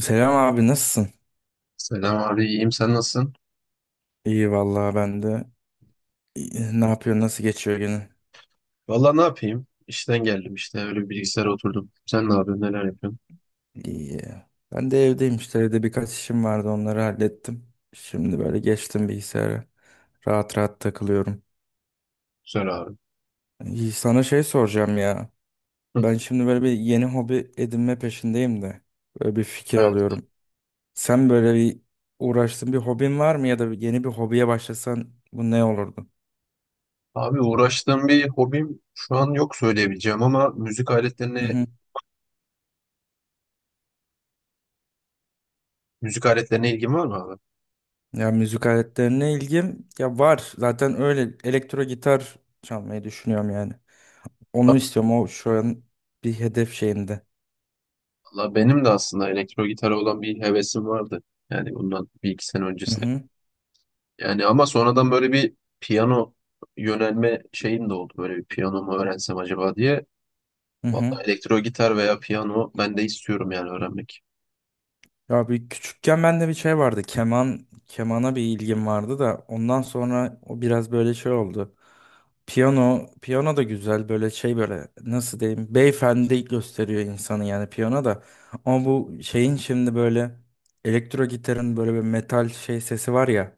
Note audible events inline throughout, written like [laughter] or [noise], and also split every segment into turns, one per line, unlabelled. Selam abi, nasılsın?
Selam abi, iyiyim. Sen nasılsın?
İyi vallahi, ben de. İyi, ne yapıyor, nasıl geçiyor günün?
Valla ne yapayım? İşten geldim işte. Öyle bir bilgisayara oturdum. Sen ne yapıyorsun? Neler yapıyorsun?
İyi. Ben de evdeyim işte, evde birkaç işim vardı, onları hallettim. Şimdi böyle geçtim bilgisayara. Rahat rahat takılıyorum.
Güzel abi.
İyi, sana şey soracağım ya.
Hı.
Ben şimdi böyle bir yeni hobi edinme peşindeyim de. Böyle bir fikir
Evet.
alıyorum. Sen böyle bir uğraştığın bir hobin var mı, ya da yeni bir hobiye başlasan bu ne olurdu?
Abi uğraştığım bir hobim şu an yok söyleyebileceğim ama müzik aletlerine ilgim var mı abi?
Ya müzik aletlerine ilgim ya var. Zaten öyle elektro gitar çalmayı düşünüyorum yani. Onu istiyorum. O şu an bir hedef şeyimde.
Valla benim de aslında elektro gitara olan bir hevesim vardı. Yani bundan bir iki sene
Hı
öncesine.
hı.
Yani ama sonradan böyle bir piyano yönelme şeyim de oldu. Böyle bir piyano mu öğrensem acaba diye.
Hı hı.
Valla elektro gitar veya piyano ben de istiyorum yani öğrenmek.
Ya bir küçükken bende bir şey vardı. Keman, kemana bir ilgim vardı da, ondan sonra o biraz böyle şey oldu. Piyano, piyano da güzel, böyle şey, böyle nasıl diyeyim, beyefendi gösteriyor insanı yani piyano da. Ama bu şeyin şimdi böyle elektro gitarın böyle bir metal şey sesi var ya.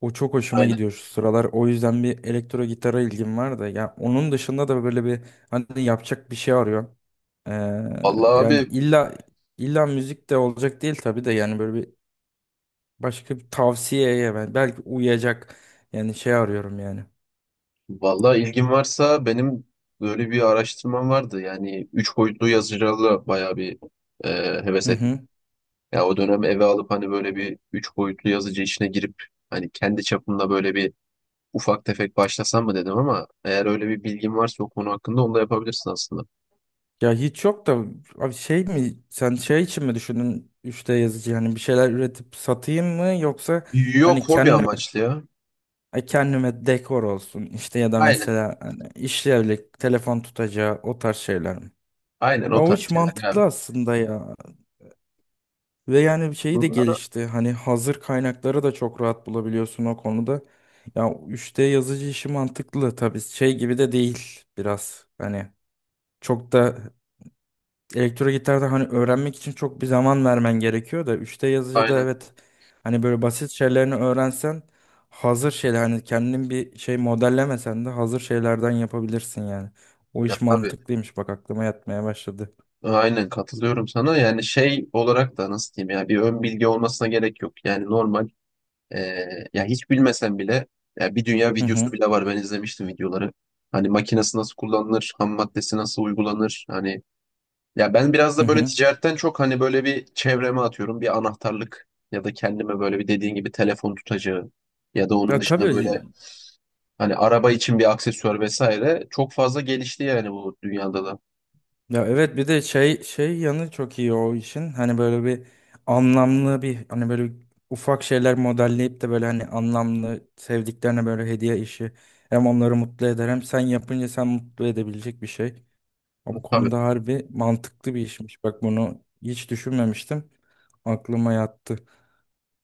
O çok hoşuma gidiyor şu sıralar. O yüzden bir elektro gitara ilgim var da. Ya onun dışında da böyle bir hani yapacak bir şey arıyorum. Ee,
Vallahi
yani
abi,
illa illa müzik de olacak değil tabii de, yani böyle bir başka bir tavsiyeye ben belki uyacak, yani şey arıyorum yani.
vallahi ilgin varsa benim böyle bir araştırmam vardı. Yani üç boyutlu yazıcılarla bayağı bir e, heves
Hı
ettim.
hı.
Ya o dönem eve alıp hani böyle bir üç boyutlu yazıcı işine girip hani kendi çapımda böyle bir ufak tefek başlasam mı dedim ama eğer öyle bir bilgin varsa o konu hakkında onu da yapabilirsin aslında.
Ya hiç yok da, abi şey mi, sen şey için mi düşündün 3D yazıcı, yani bir şeyler üretip satayım mı, yoksa hani
Yok hobi
kendi,
amaçlı ya.
ay, kendime dekor olsun işte, ya da
Aynen.
mesela hani işlevlik telefon tutacağı, o tarz şeyler mi?
Aynen
Ya
o
o
tarz
hiç
şeyler yani.
mantıklı aslında ya. Ve yani bir şeyi
Bu
de gelişti. Hani hazır kaynakları da çok rahat bulabiliyorsun o konuda. Ya 3D yazıcı işi mantıklı tabii, şey gibi de değil biraz. Hani çok da elektro gitarda hani öğrenmek için çok bir zaman vermen gerekiyor da, üçte d yazıcıda,
Aynen.
evet, hani böyle basit şeylerini öğrensen, hazır şeyler, hani kendin bir şey modellemesen de hazır şeylerden yapabilirsin yani. O
Ya
iş
tabii.
mantıklıymış, bak aklıma yatmaya başladı.
Aynen katılıyorum sana. Yani şey olarak da nasıl diyeyim ya bir ön bilgi olmasına gerek yok. Yani normal. Ee, Ya hiç bilmesen bile ya bir dünya
Hı
videosu
hı,
bile var. Ben izlemiştim videoları. Hani makinesi nasıl kullanılır, ham maddesi nasıl uygulanır. Hani ya ben biraz
hı
da böyle
hı.
ticaretten çok hani böyle bir çevreme atıyorum. Bir anahtarlık ya da kendime böyle bir dediğin gibi telefon tutacağı ya da onun
Ya
dışında böyle
tabii.
hani araba için bir aksesuar vesaire çok fazla gelişti yani bu dünyada da.
Ya evet, bir de şey yanı çok iyi o işin. Hani böyle bir anlamlı bir, hani böyle ufak şeyler modelleyip de, böyle hani anlamlı sevdiklerine böyle hediye işi. Hem onları mutlu eder, hem sen yapınca sen mutlu edebilecek bir şey. Ama bu
Tabii.
konuda harbi mantıklı bir işmiş. Bak, bunu hiç düşünmemiştim. Aklıma yattı.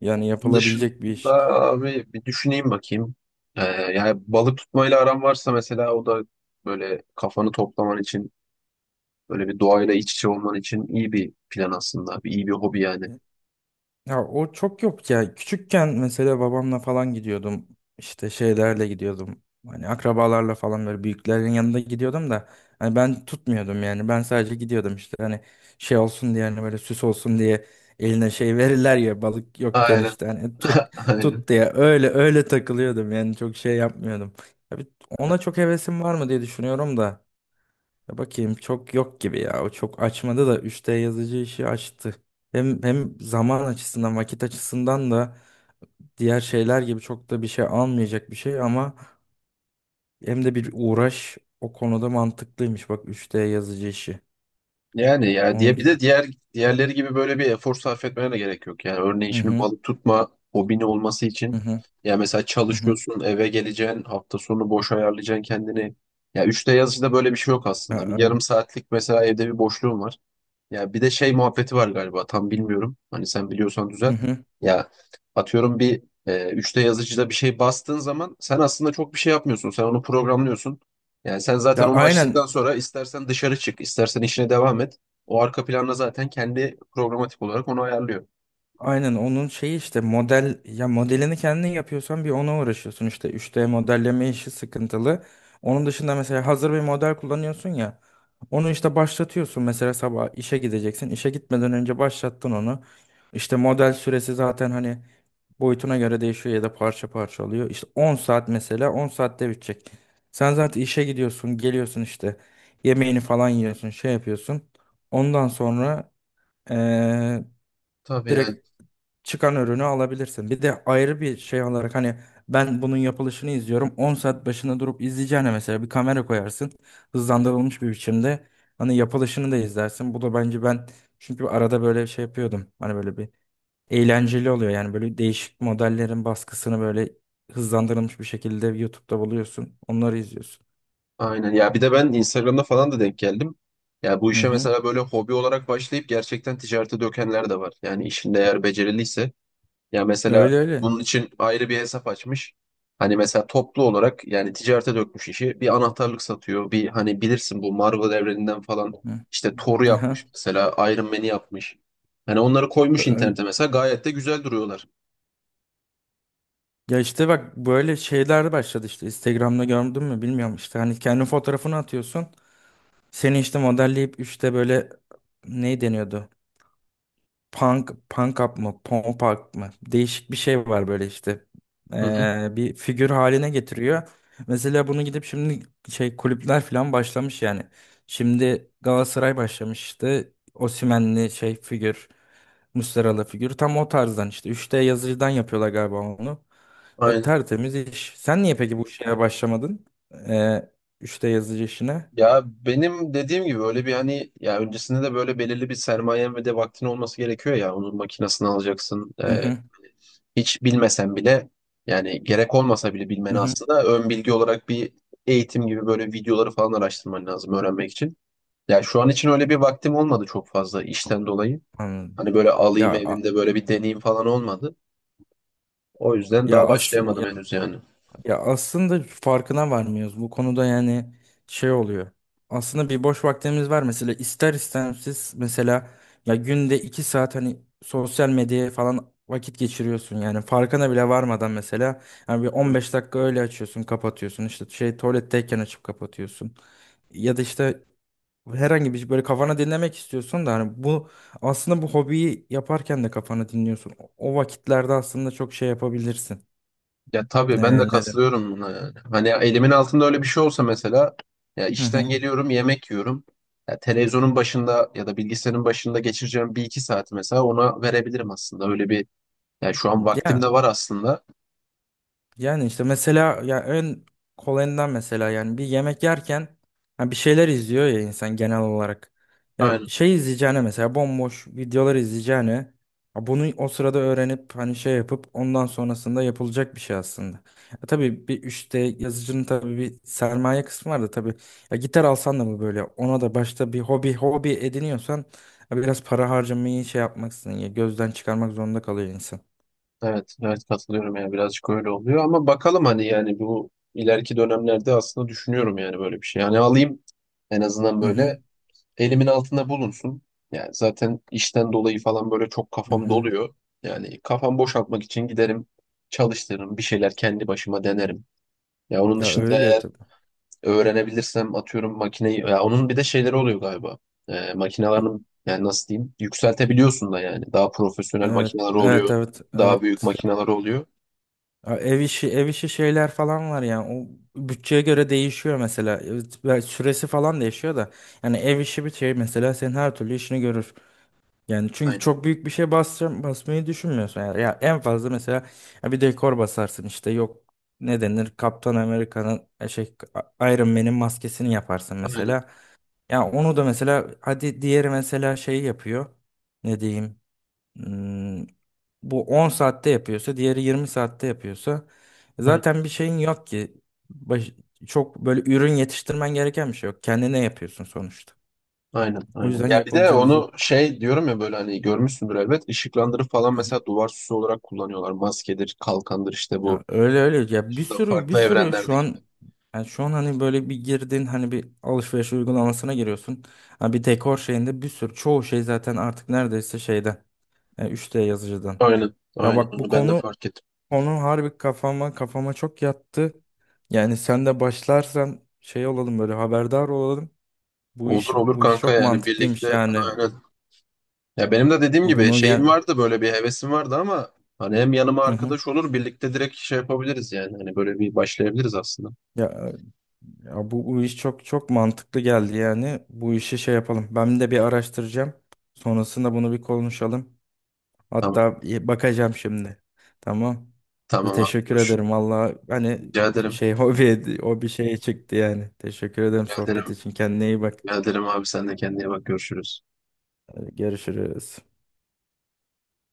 Yani
Bunun
yapılabilecek bir
dışında
iş.
abi bir düşüneyim bakayım. Yani balık tutmayla aram varsa mesela o da böyle kafanı toplaman için. Böyle bir doğayla iç içe olman için iyi bir plan aslında. Bir, iyi bir hobi yani.
Ya o çok yok ya. Küçükken mesela babamla falan gidiyordum. İşte şeylerle gidiyordum. Hani akrabalarla falan, böyle büyüklerin yanında gidiyordum da, hani ben tutmuyordum yani. Ben sadece gidiyordum işte, hani şey olsun diye, hani böyle süs olsun diye eline şey verirler ya, balık yokken
Aynen.
işte hani tut
[laughs]
tut
Aynen.
diye, öyle öyle takılıyordum yani, çok şey yapmıyordum. Tabii ona çok hevesim var mı diye düşünüyorum da. Ya bakayım, çok yok gibi ya. O çok açmadı da, 3D yazıcı işi açtı. Hem zaman açısından, vakit açısından da diğer şeyler gibi çok da bir şey almayacak bir şey, ama hem de bir uğraş, o konuda mantıklıymış. Bak, 3D yazıcı işi.
Yani ya
Onu
diye bir
güzel.
de diğer diğerleri gibi böyle bir efor sarf etmene de gerek yok. Yani örneğin
Hı
şimdi
hı.
balık tutma hobini olması için
Hı hı.
ya mesela
Hı hı. Hı hı.
çalışıyorsun, eve geleceksin, hafta sonu boş ayarlayacaksın kendini. Ya üçte yazıcıda böyle bir şey yok
Ya,
aslında. Bir
ay-
yarım saatlik mesela evde bir boşluğum var. Ya bir de şey muhabbeti var galiba tam bilmiyorum. Hani sen biliyorsan
hı
düzelt.
hı.
Ya atıyorum bir 3D yazıcıda bir şey bastığın zaman sen aslında çok bir şey yapmıyorsun. Sen onu programlıyorsun. Yani sen zaten
Ya
onu
aynen.
açtıktan sonra istersen dışarı çık, istersen işine devam et. O arka planda zaten kendi programatik olarak onu ayarlıyor.
Aynen onun şeyi işte, model, ya modelini kendin yapıyorsan bir ona uğraşıyorsun işte, 3D modelleme işi sıkıntılı. Onun dışında mesela hazır bir model kullanıyorsun, ya onu işte başlatıyorsun, mesela sabah işe gideceksin, işe gitmeden önce başlattın onu. İşte model süresi zaten hani boyutuna göre değişiyor, ya da parça parça oluyor. İşte 10 saat mesela, 10 saatte bitecek. Sen zaten işe gidiyorsun, geliyorsun işte, yemeğini falan yiyorsun, şey yapıyorsun. Ondan sonra eee
Tabii yani.
direkt çıkan ürünü alabilirsin. Bir de ayrı bir şey olarak, hani ben bunun yapılışını izliyorum. 10 saat başına durup izleyeceğine, mesela bir kamera koyarsın. Hızlandırılmış bir biçimde hani yapılışını da izlersin. Bu da bence ben, çünkü arada böyle şey yapıyordum. Hani böyle bir eğlenceli oluyor. Yani böyle değişik modellerin baskısını böyle hızlandırılmış bir şekilde YouTube'da buluyorsun. Onları izliyorsun.
Aynen, ya bir de ben Instagram'da falan da denk geldim. Ya bu
Hı
işe
hı.
mesela böyle hobi olarak başlayıp gerçekten ticarete dökenler de var. Yani işinde eğer beceriliyse. Ya mesela
Öyle öyle.
bunun için ayrı bir hesap açmış. Hani mesela toplu olarak yani ticarete dökmüş işi. Bir anahtarlık satıyor. Bir hani bilirsin bu Marvel evreninden falan
Hı.
işte Thor'u yapmış
Aha.
mesela Iron Man'i yapmış. Hani onları koymuş
Öyle.
internete mesela gayet de güzel duruyorlar.
Ya işte bak, böyle şeyler başladı işte, Instagram'da gördün mü bilmiyorum, işte hani kendi fotoğrafını atıyorsun. Seni işte modelleyip, işte böyle ne deniyordu? Punk, punk up mı? Pump up mı? Değişik bir şey var böyle işte.
Hı hı.
Bir figür haline getiriyor. Mesela bunu gidip şimdi şey kulüpler falan başlamış yani. Şimdi Galatasaray başlamış işte. Osimhen'li şey figür. Muslera'lı figür. Tam o tarzdan işte. 3D yazıcıdan yapıyorlar galiba onu. E,
Aynen.
tertemiz iş. Sen niye peki bu şeye başlamadın? E, 3 yazıcı işine.
Ya benim dediğim gibi öyle bir hani ya öncesinde de böyle belirli bir sermayen ve de vaktin olması gerekiyor ya onun makinesini alacaksın.
Hı hı,
Hiç bilmesen bile yani gerek olmasa bile
hı
bilmeni
hı.
aslında ön bilgi olarak bir eğitim gibi böyle videoları falan araştırman lazım öğrenmek için. Ya şu an için öyle bir vaktim olmadı çok fazla işten dolayı.
Anladım.
Hani böyle
Ya
alayım
a-
evimde böyle bir deneyim falan olmadı. O yüzden
ya
daha
aslında
başlayamadım
ya,
henüz yani.
ya aslında farkına varmıyoruz. Bu konuda yani şey oluyor. Aslında bir boş vaktimiz var mesela, ister istemsiz mesela, ya günde 2 saat hani sosyal medyaya falan vakit geçiriyorsun yani, farkına bile varmadan mesela, yani bir 15 dakika öyle açıyorsun, kapatıyorsun işte, şey tuvaletteyken açıp kapatıyorsun, ya da işte herhangi bir şey, böyle kafana dinlemek istiyorsun da, hani bu aslında bu hobiyi yaparken de kafana dinliyorsun. O o vakitlerde aslında çok şey yapabilirsin.
Ya tabii ben de
Neden?
katılıyorum buna yani. Hani elimin altında öyle bir şey olsa mesela ya
Hı
işten
hı.
geliyorum yemek yiyorum. Ya televizyonun başında ya da bilgisayarın başında geçireceğim bir iki saat mesela ona verebilirim aslında. Öyle bir yani şu an vaktim de
Ya,
var aslında.
yani işte mesela ya en kolayından, mesela yani bir yemek yerken ha bir şeyler izliyor ya insan genel olarak. Ya
Aynen.
şey izleyeceğine, mesela bomboş videolar izleyeceğine, ha bunu o sırada öğrenip hani şey yapıp, ondan sonrasında yapılacak bir şey aslında. Ya tabii bir, işte yazıcının tabii bir sermaye kısmı var da tabii, ya gitar alsan da mı böyle, ona da başta bir hobi ediniyorsan ya biraz para harcamayı şey yapmaksın ya, gözden çıkarmak zorunda kalıyor insan.
Evet, evet katılıyorum ya birazcık öyle oluyor ama bakalım hani yani bu ileriki dönemlerde aslında düşünüyorum yani böyle bir şey. Yani alayım en azından
Hı
böyle
hı.
elimin altında bulunsun. Yani zaten işten dolayı falan böyle çok
Hı
kafam
hı.
doluyor. Yani kafam boşaltmak için giderim, çalıştırırım, bir şeyler kendi başıma denerim. Ya onun
Ya
dışında
öyle
eğer
tabii.
öğrenebilirsem atıyorum makineyi ya onun bir de şeyleri oluyor galiba. Makinelerin yani nasıl diyeyim yükseltebiliyorsun da yani daha profesyonel
Evet,
makineler oluyor.
evet, evet,
Daha büyük
evet.
makineler oluyor.
Ya, ev işi, ev işi şeyler falan var yani. O bütçeye göre değişiyor mesela. Evet, ve süresi falan değişiyor da. Yani ev işi bir şey mesela senin her türlü işini görür. Yani çünkü
Aynen.
çok büyük bir şey basacağım, basmayı düşünmüyorsun yani. Ya en fazla mesela ya bir dekor basarsın işte, yok ne denir, Kaptan Amerika'nın, şey, Iron Man'in maskesini yaparsın
Aynen.
mesela. Ya onu da mesela, hadi diğeri mesela şey yapıyor. Ne diyeyim? Hmm, bu 10 saatte yapıyorsa, diğeri 20 saatte yapıyorsa
Aynen.
zaten bir şeyin yok ki. Baş- çok böyle ürün yetiştirmen gereken bir şey yok. Kendine yapıyorsun sonuçta.
Aynen.
O
Aynen.
yüzden
Ya bir de
yapılabilecek,
onu şey diyorum ya böyle hani görmüşsündür elbet. Işıklandırı falan mesela duvar süsü olarak kullanıyorlar. Maskedir, kalkandır işte bu
ya öyle öyle, ya bir
dışında
sürü bir
farklı
sürü şu
evrenlerdeki film.
an, yani şu an hani böyle bir girdin, hani bir alışveriş uygulamasına giriyorsun. Ha bir dekor şeyinde bir sürü, çoğu şey zaten artık neredeyse şeyden. Yani 3D yazıcıdan.
Aynen.
Ya
Aynen
bak bu
onu ben de
konu,
fark ettim.
konu harbi kafama çok yattı. Yani sen de başlarsan şey olalım, böyle haberdar olalım. Bu iş,
Olur olur
bu iş
kanka
çok
yani
mantıklıymış
birlikte
yani.
aynen. Ya benim de dediğim gibi
Bunu
şeyim
yani,
vardı böyle bir hevesim vardı ama hani hem yanıma
hı hı.
arkadaş olur birlikte direkt şey yapabiliriz yani. Hani böyle bir başlayabiliriz aslında.
Ya, ya bu, bu iş çok çok mantıklı geldi yani. Bu işi şey yapalım. Ben de bir araştıracağım. Sonrasında bunu bir konuşalım.
Tamam.
Hatta bakacağım şimdi. Tamam.
Tamam abi
Teşekkür
görüşürüz.
ederim. Valla hani
Rica ederim.
şey [laughs] hobi o bir şeye çıktı yani. Teşekkür ederim
Rica
sohbet
ederim.
için. Kendine iyi bak.
Rica ederim abi sen de kendine bak görüşürüz.
Hadi görüşürüz.